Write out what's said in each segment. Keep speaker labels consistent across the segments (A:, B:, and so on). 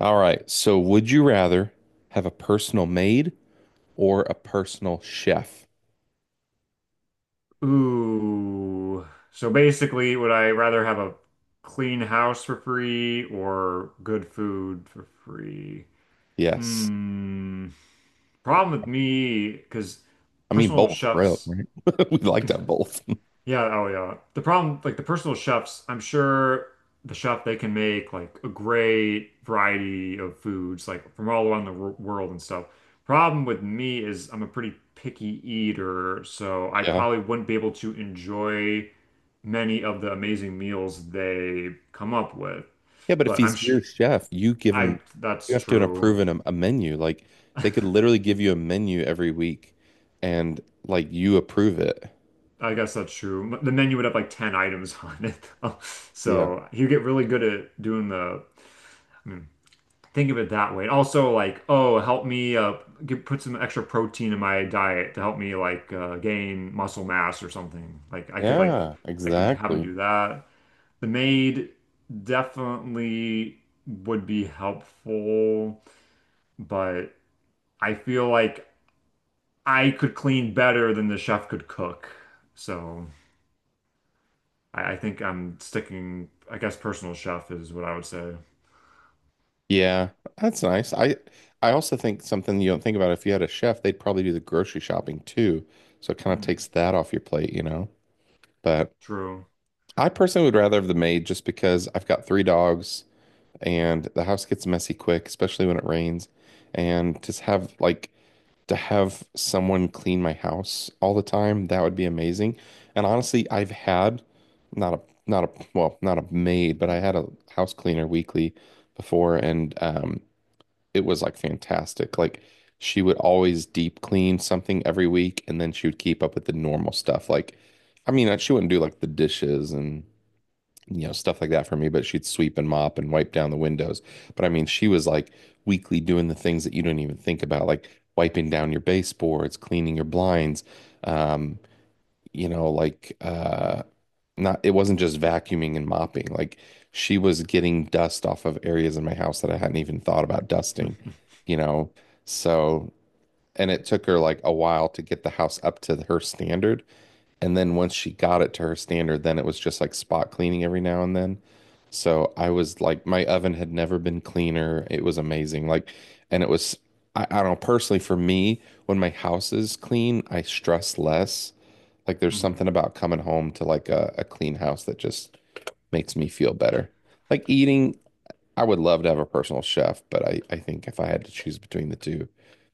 A: All right. So, would you rather have a personal maid or a personal chef?
B: Ooh. So basically, would I rather have a clean house for free or good food for free?
A: Yes.
B: Hmm. Problem with me, because
A: I mean,
B: personal
A: both, bro,
B: chefs.
A: right? We like that both.
B: Yeah, oh yeah. The problem, like the personal chefs, I'm sure the chef they can make like a great variety of foods, like from all around the world and stuff. Problem with me is I'm a pretty picky eater, so I
A: Yeah.
B: probably wouldn't be able to enjoy many of the amazing meals they come up with.
A: Yeah, but if
B: But I'm
A: he's
B: sh
A: your chef, you give
B: I
A: him, you
B: That's
A: have to approve
B: true.
A: him a menu. Like, they could literally give you a menu every week and, like, you approve it.
B: I guess that's true. The menu would have like 10 items on it, though.
A: Yeah.
B: So you get really good at doing the. I mean, think of it that way. And also like, oh, help me put some extra protein in my diet to help me like gain muscle mass or something.
A: Yeah,
B: I could have him
A: exactly.
B: do that. The maid definitely would be helpful, but I feel like I could clean better than the chef could cook. So I think I'm sticking, I guess personal chef is what I would say.
A: Yeah, that's nice. I also think something you don't think about if you had a chef, they'd probably do the grocery shopping too. So it kind of
B: Hmm,
A: takes that off your plate, you know? But
B: true.
A: I personally would rather have the maid just because I've got three dogs and the house gets messy quick, especially when it rains. And just have like to have someone clean my house all the time, that would be amazing. And honestly, I've had not a not a well, not a maid, but I had a house cleaner weekly before and it was like fantastic. Like she would always deep clean something every week and then she would keep up with the normal stuff like I mean, she wouldn't do like the dishes and stuff like that for me, but she'd sweep and mop and wipe down the windows. But I mean, she was like weekly doing the things that you don't even think about, like wiping down your baseboards, cleaning your blinds, um, you know, like uh not it wasn't just vacuuming and mopping. Like she was getting dust off of areas in my house that I hadn't even thought about
B: Mhm.
A: dusting, you know. So and it took her like a while to get the house up to her standard. And then once she got it to her standard, then it was just like spot cleaning every now and then. So I was like, my oven had never been cleaner. It was amazing. Like, and it was, I don't know, personally for me, when my house is clean, I stress less. Like, there's something about coming home to like a clean house that just makes me feel better. Like eating I would love to have a personal chef, but I think if I had to choose between the two,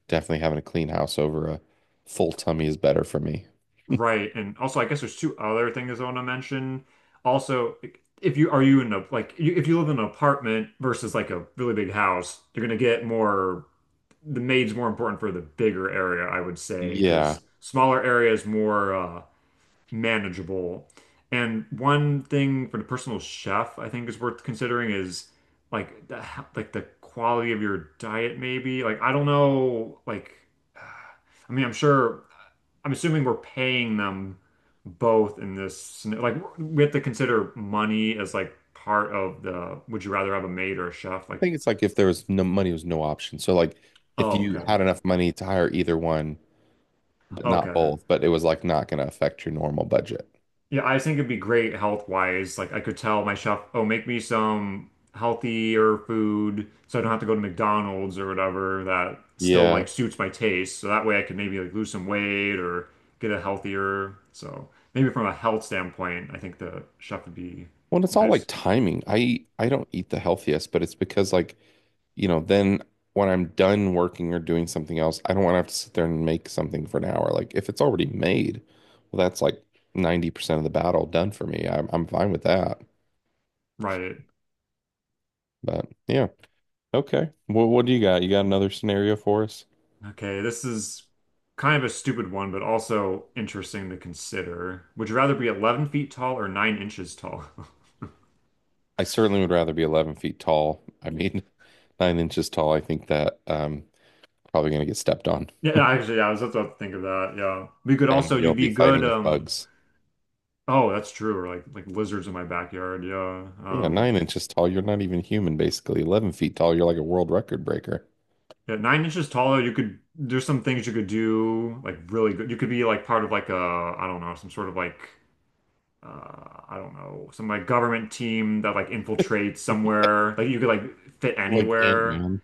A: definitely having a clean house over a full tummy is better for me.
B: Right. And also, I guess there's two other things I want to mention. Also, if you are you in a like you, if you live in an apartment versus like a really big house, you're gonna get more the maid's more important for the bigger area, I would say,
A: Yeah.
B: because smaller areas more manageable. And one thing for the personal chef, I think is worth considering is like the like the quality of your diet, maybe. Like I don't know, like I mean, I'm sure, I'm assuming we're paying them both in this. Like we have to consider money as like part of the. Would you rather have a maid or a chef?
A: I
B: Like,
A: think it's like if there was no money, was no option. So like if
B: oh,
A: you
B: okay,
A: had enough money to hire either one, but not
B: okay.
A: both, but it was like not going to affect your normal budget.
B: Yeah, I think it'd be great health wise. Like I could tell my chef, oh, make me some healthier food so I don't have to go to McDonald's or whatever that still
A: Yeah.
B: like suits my taste. So that way I could maybe like lose some weight or get a healthier. So maybe from a health standpoint, I think the chef would be
A: Well, it's all like
B: nice.
A: timing. I don't eat the healthiest, but it's because like then when I'm done working or doing something else, I don't want to have to sit there and make something for an hour. Like if it's already made, well, that's like 90% of the battle done for me. I'm fine with that.
B: Right.
A: But yeah, okay. Well, what do you got? You got another scenario for us?
B: Okay, this is kind of a stupid one, but also interesting to consider. Would you rather be 11 feet tall or 9 inches tall?
A: I certainly would rather be 11 feet tall. I mean, 9 inches tall. I think that probably gonna get stepped on,
B: Yeah, yeah, actually, yeah, I was about to think of that. Yeah. We could also
A: and you'll
B: you'd
A: be
B: be good,
A: fighting with bugs.
B: oh, that's true, or like lizards in my backyard, yeah.
A: Yeah, 9 inches tall. You're not even human, basically. 11 feet tall. You're like a world record breaker,
B: Yeah, 9 inches taller, you could there's some things you could do like really good. You could be like part of like a I don't know, some sort of like I don't know, some like government team that like infiltrates somewhere. Like you could like fit
A: like
B: anywhere.
A: Ant-Man.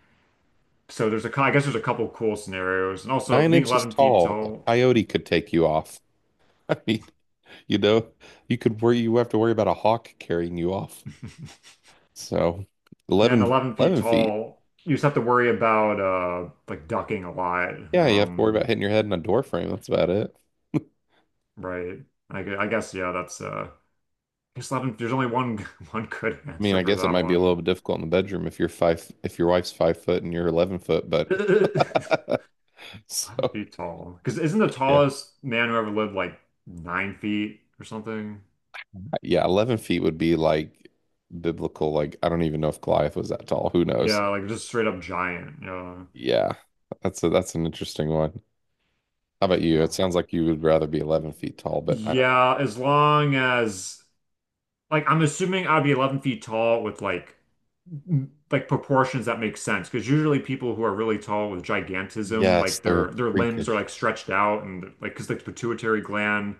B: So I guess there's a couple cool scenarios. And also
A: Nine
B: being
A: inches
B: 11 feet
A: tall, a
B: tall.
A: coyote could take you off. I mean, you know, you have to worry about a hawk carrying you off. So
B: Yeah, and
A: 11,
B: 11 feet
A: 11 feet.
B: tall, you just have to worry about like ducking a lot.
A: Yeah, you have to worry about hitting your head in a door frame. That's about it.
B: Right. I guess yeah, that's I guess 11 there's only one one good
A: I mean,
B: answer
A: I
B: for
A: guess it
B: that
A: might be a little
B: one.
A: bit difficult in the bedroom if your wife's 5 foot and you're 11 foot, but
B: 11
A: so
B: feet tall. Because isn't the
A: yeah,
B: tallest man who ever lived like 9 feet or something?
A: yeah, 11 feet would be like biblical. Like, I don't even know if Goliath was that tall. Who knows?
B: Yeah, like just straight up giant. Yeah.
A: Yeah, that's an interesting one. How about you?
B: Yeah.
A: It sounds like you would rather be 11 feet tall, but I don't know.
B: Yeah, as long as like I'm assuming I'd be 11 feet tall with like proportions that make sense because usually people who are really tall with gigantism
A: Yes,
B: like
A: they're
B: their limbs are
A: freakish.
B: like stretched out and like because like the pituitary gland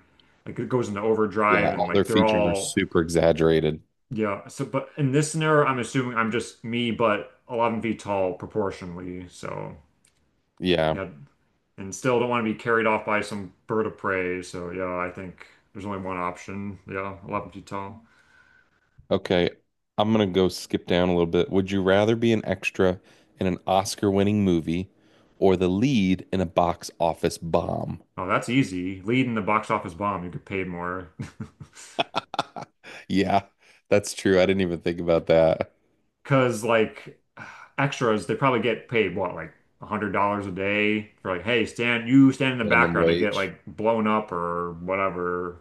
B: like it goes into
A: Yeah,
B: overdrive and
A: all their
B: like they're
A: features are
B: all.
A: super exaggerated.
B: Yeah, so but in this scenario I'm assuming I'm just me but 11 feet tall proportionally, so
A: Yeah.
B: yeah. And still don't want to be carried off by some bird of prey, so yeah, I think there's only one option. Yeah, 11 feet tall.
A: Okay. I'm gonna go skip down a little bit. Would you rather be an extra in an Oscar-winning movie or the lead in a box office bomb?
B: Oh, that's easy, lead in the box office bomb, you get paid more.
A: Yeah, that's true. I didn't even think about that.
B: Because like extras, they probably get paid what like $100 a day for like, hey, stand you stand in the
A: Minimum
B: background and get
A: wage.
B: like blown up or whatever,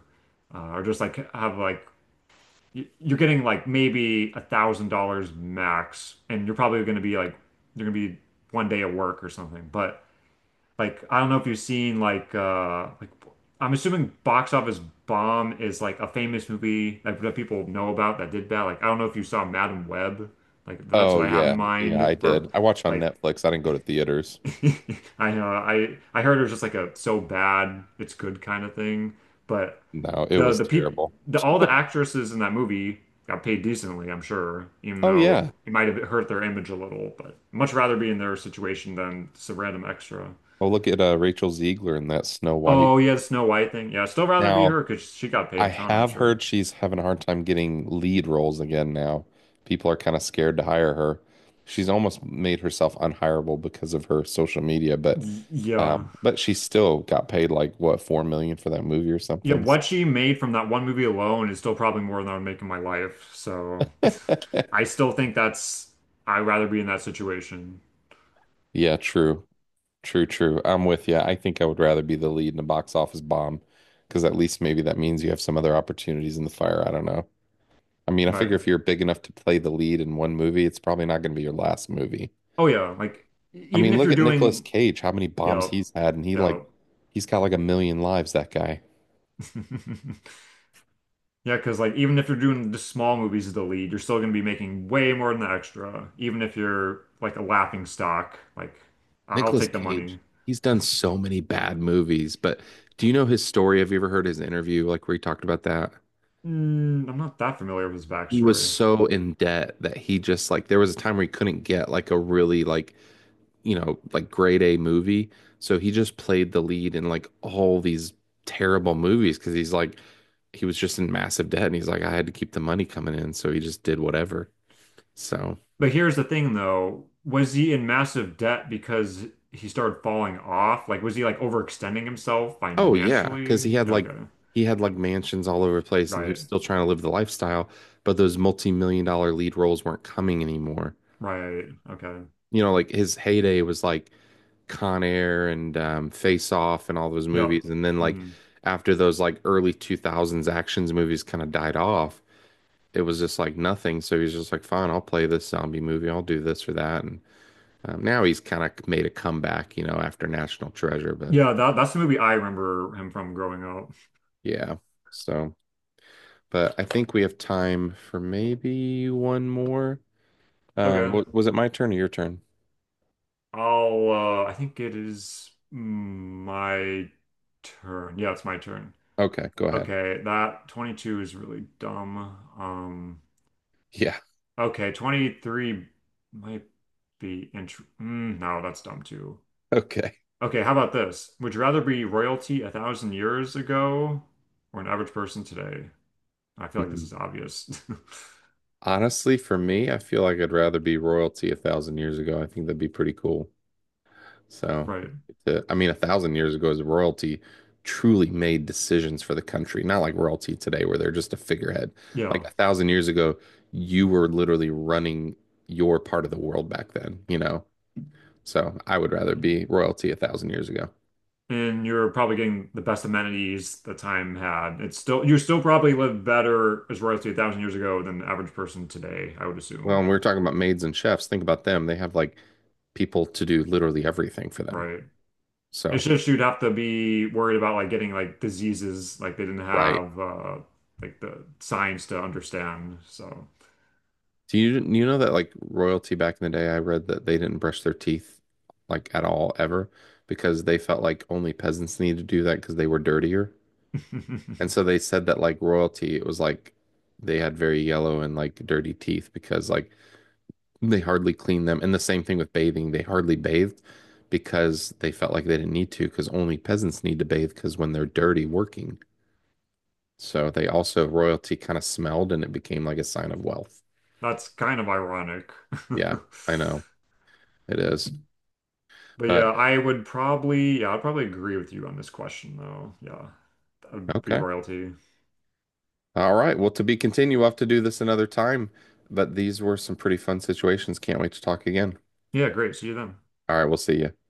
B: or just like have like you're getting like maybe $1,000 max, and you're probably going to be like you're going to be one day at work or something, but like I don't know if you've seen like I'm assuming Box Office Bomb is like a famous movie like that people know about that did bad. Like I don't know if you saw Madam Web. Like that's
A: Oh
B: what I have in
A: yeah. Yeah,
B: mind
A: I
B: for
A: did. I watched on
B: like.
A: Netflix. I didn't go to theaters.
B: I know I heard it was just like a so bad it's good kind of thing. But
A: No, it was
B: the peop
A: terrible.
B: the all the actresses in that movie got paid decently, I'm sure, even
A: Oh
B: though
A: yeah.
B: it might have hurt their image a little, but much rather be in their situation than some random extra.
A: Oh, look at Rachel Ziegler in that Snow White.
B: Oh yeah, the Snow White thing. Yeah, I'd still rather be
A: Now,
B: her because she got paid
A: I
B: a ton, I'm
A: have
B: sure.
A: heard she's having a hard time getting lead roles again now. People are kind of scared to hire her. She's almost made herself unhireable because of her social media, but
B: Yeah,
A: um, but she still got paid like what, 4 million for that movie or
B: yeah.
A: something. So,
B: What she made from that one movie alone is still probably more than I would make in my life. So, I still think that's I'd rather be in that situation.
A: yeah, true, true, true. I'm with you. I think I would rather be the lead in a box office bomb because at least maybe that means you have some other opportunities in the fire. I don't know. I mean, I figure
B: Right?
A: if you're big enough to play the lead in one movie, it's probably not going to be your last movie.
B: Oh yeah, like
A: I
B: even
A: mean,
B: if
A: look
B: you're
A: at Nicolas
B: doing,
A: Cage, how many bombs
B: yeah,
A: he's had, and
B: yeah,
A: he's got like a million lives, that guy.
B: yeah, because like even if you're doing the small movies as the lead, you're still gonna be making way more than the extra. Even if you're like a laughing stock, like I'll
A: Nicolas
B: take the
A: Cage,
B: money.
A: he's done so many bad movies, but do you know his story? Have you ever heard his interview, like where he talked about that?
B: Mm, I'm not that familiar with his
A: He was
B: backstory.
A: so in debt that he just like there was a time where he couldn't get like a really like like grade A movie. So he just played the lead in like all these terrible movies because he's like, he was just in massive debt and he's like, I had to keep the money coming in. So he just did whatever. So,
B: But here's the thing, though. Was he in massive debt because he started falling off? Like, was he like overextending himself
A: oh yeah, because
B: financially?
A: he had like,
B: Okay.
A: he had like mansions all over the place and he was
B: Right.
A: still trying to live the lifestyle, but those multi-million dollar lead roles weren't coming anymore.
B: Right. Okay.
A: You know, like his heyday was like Con Air and Face Off and all those
B: Yep.
A: movies. And then like
B: Hmm.
A: after those like early 2000s actions movies kind of died off, it was just like nothing. So he's just like, fine, I'll play this zombie movie. I'll do this or that. And now he's kind of made a comeback, after National Treasure. But
B: Yeah, that's the movie I remember him from growing up.
A: yeah, so, but I think we have time for maybe one more. Um,
B: Okay.
A: wa- was it my turn or your turn?
B: I'll I think it is my turn. Yeah, it's my turn.
A: Okay, go ahead.
B: Okay, that 22 is really dumb. Um
A: Yeah,
B: Okay, 23 might be, no, that's dumb too.
A: okay.
B: Okay, how about this? Would you rather be royalty a thousand years ago or an average person today? I feel like this
A: Mhm.
B: is obvious.
A: Honestly, for me, I feel like I'd rather be royalty 1,000 years ago. I think that'd be pretty cool. So,
B: Right.
A: I mean, 1,000 years ago is royalty truly made decisions for the country, not like royalty today where they're just a figurehead. Like
B: Yeah.
A: 1,000 years ago, you were literally running your part of the world back then, you know? So I would rather be royalty a thousand years ago.
B: And you're probably getting the best amenities the time had. It's still You still probably live better as royalty a thousand years ago than the average person today, I would
A: Well, and
B: assume.
A: we were talking about maids and chefs. Think about them. They have like people to do literally everything for them.
B: Right. It's
A: So,
B: just you'd have to be worried about like getting like diseases like they didn't
A: right.
B: have like the science to understand. So
A: Do you know that like royalty back in the day, I read that they didn't brush their teeth like at all ever because they felt like only peasants needed to do that because they were dirtier. And so they said that like royalty, it was like they had very yellow and like dirty teeth because like they hardly cleaned them. And the same thing with bathing, they hardly bathed because they felt like they didn't need to because only peasants need to bathe because when they're dirty working. So they also royalty kind of smelled and it became like a sign of wealth.
B: that's kind of ironic.
A: Yeah, I know it is.
B: But yeah,
A: But
B: I would probably, yeah, I'd probably agree with you on this question, though. Yeah. That would be
A: okay.
B: royalty.
A: All right. Well, to be continued, we'll have to do this another time. But these were some pretty fun situations. Can't wait to talk again.
B: Yeah, great. See you then.
A: All right. We'll see you.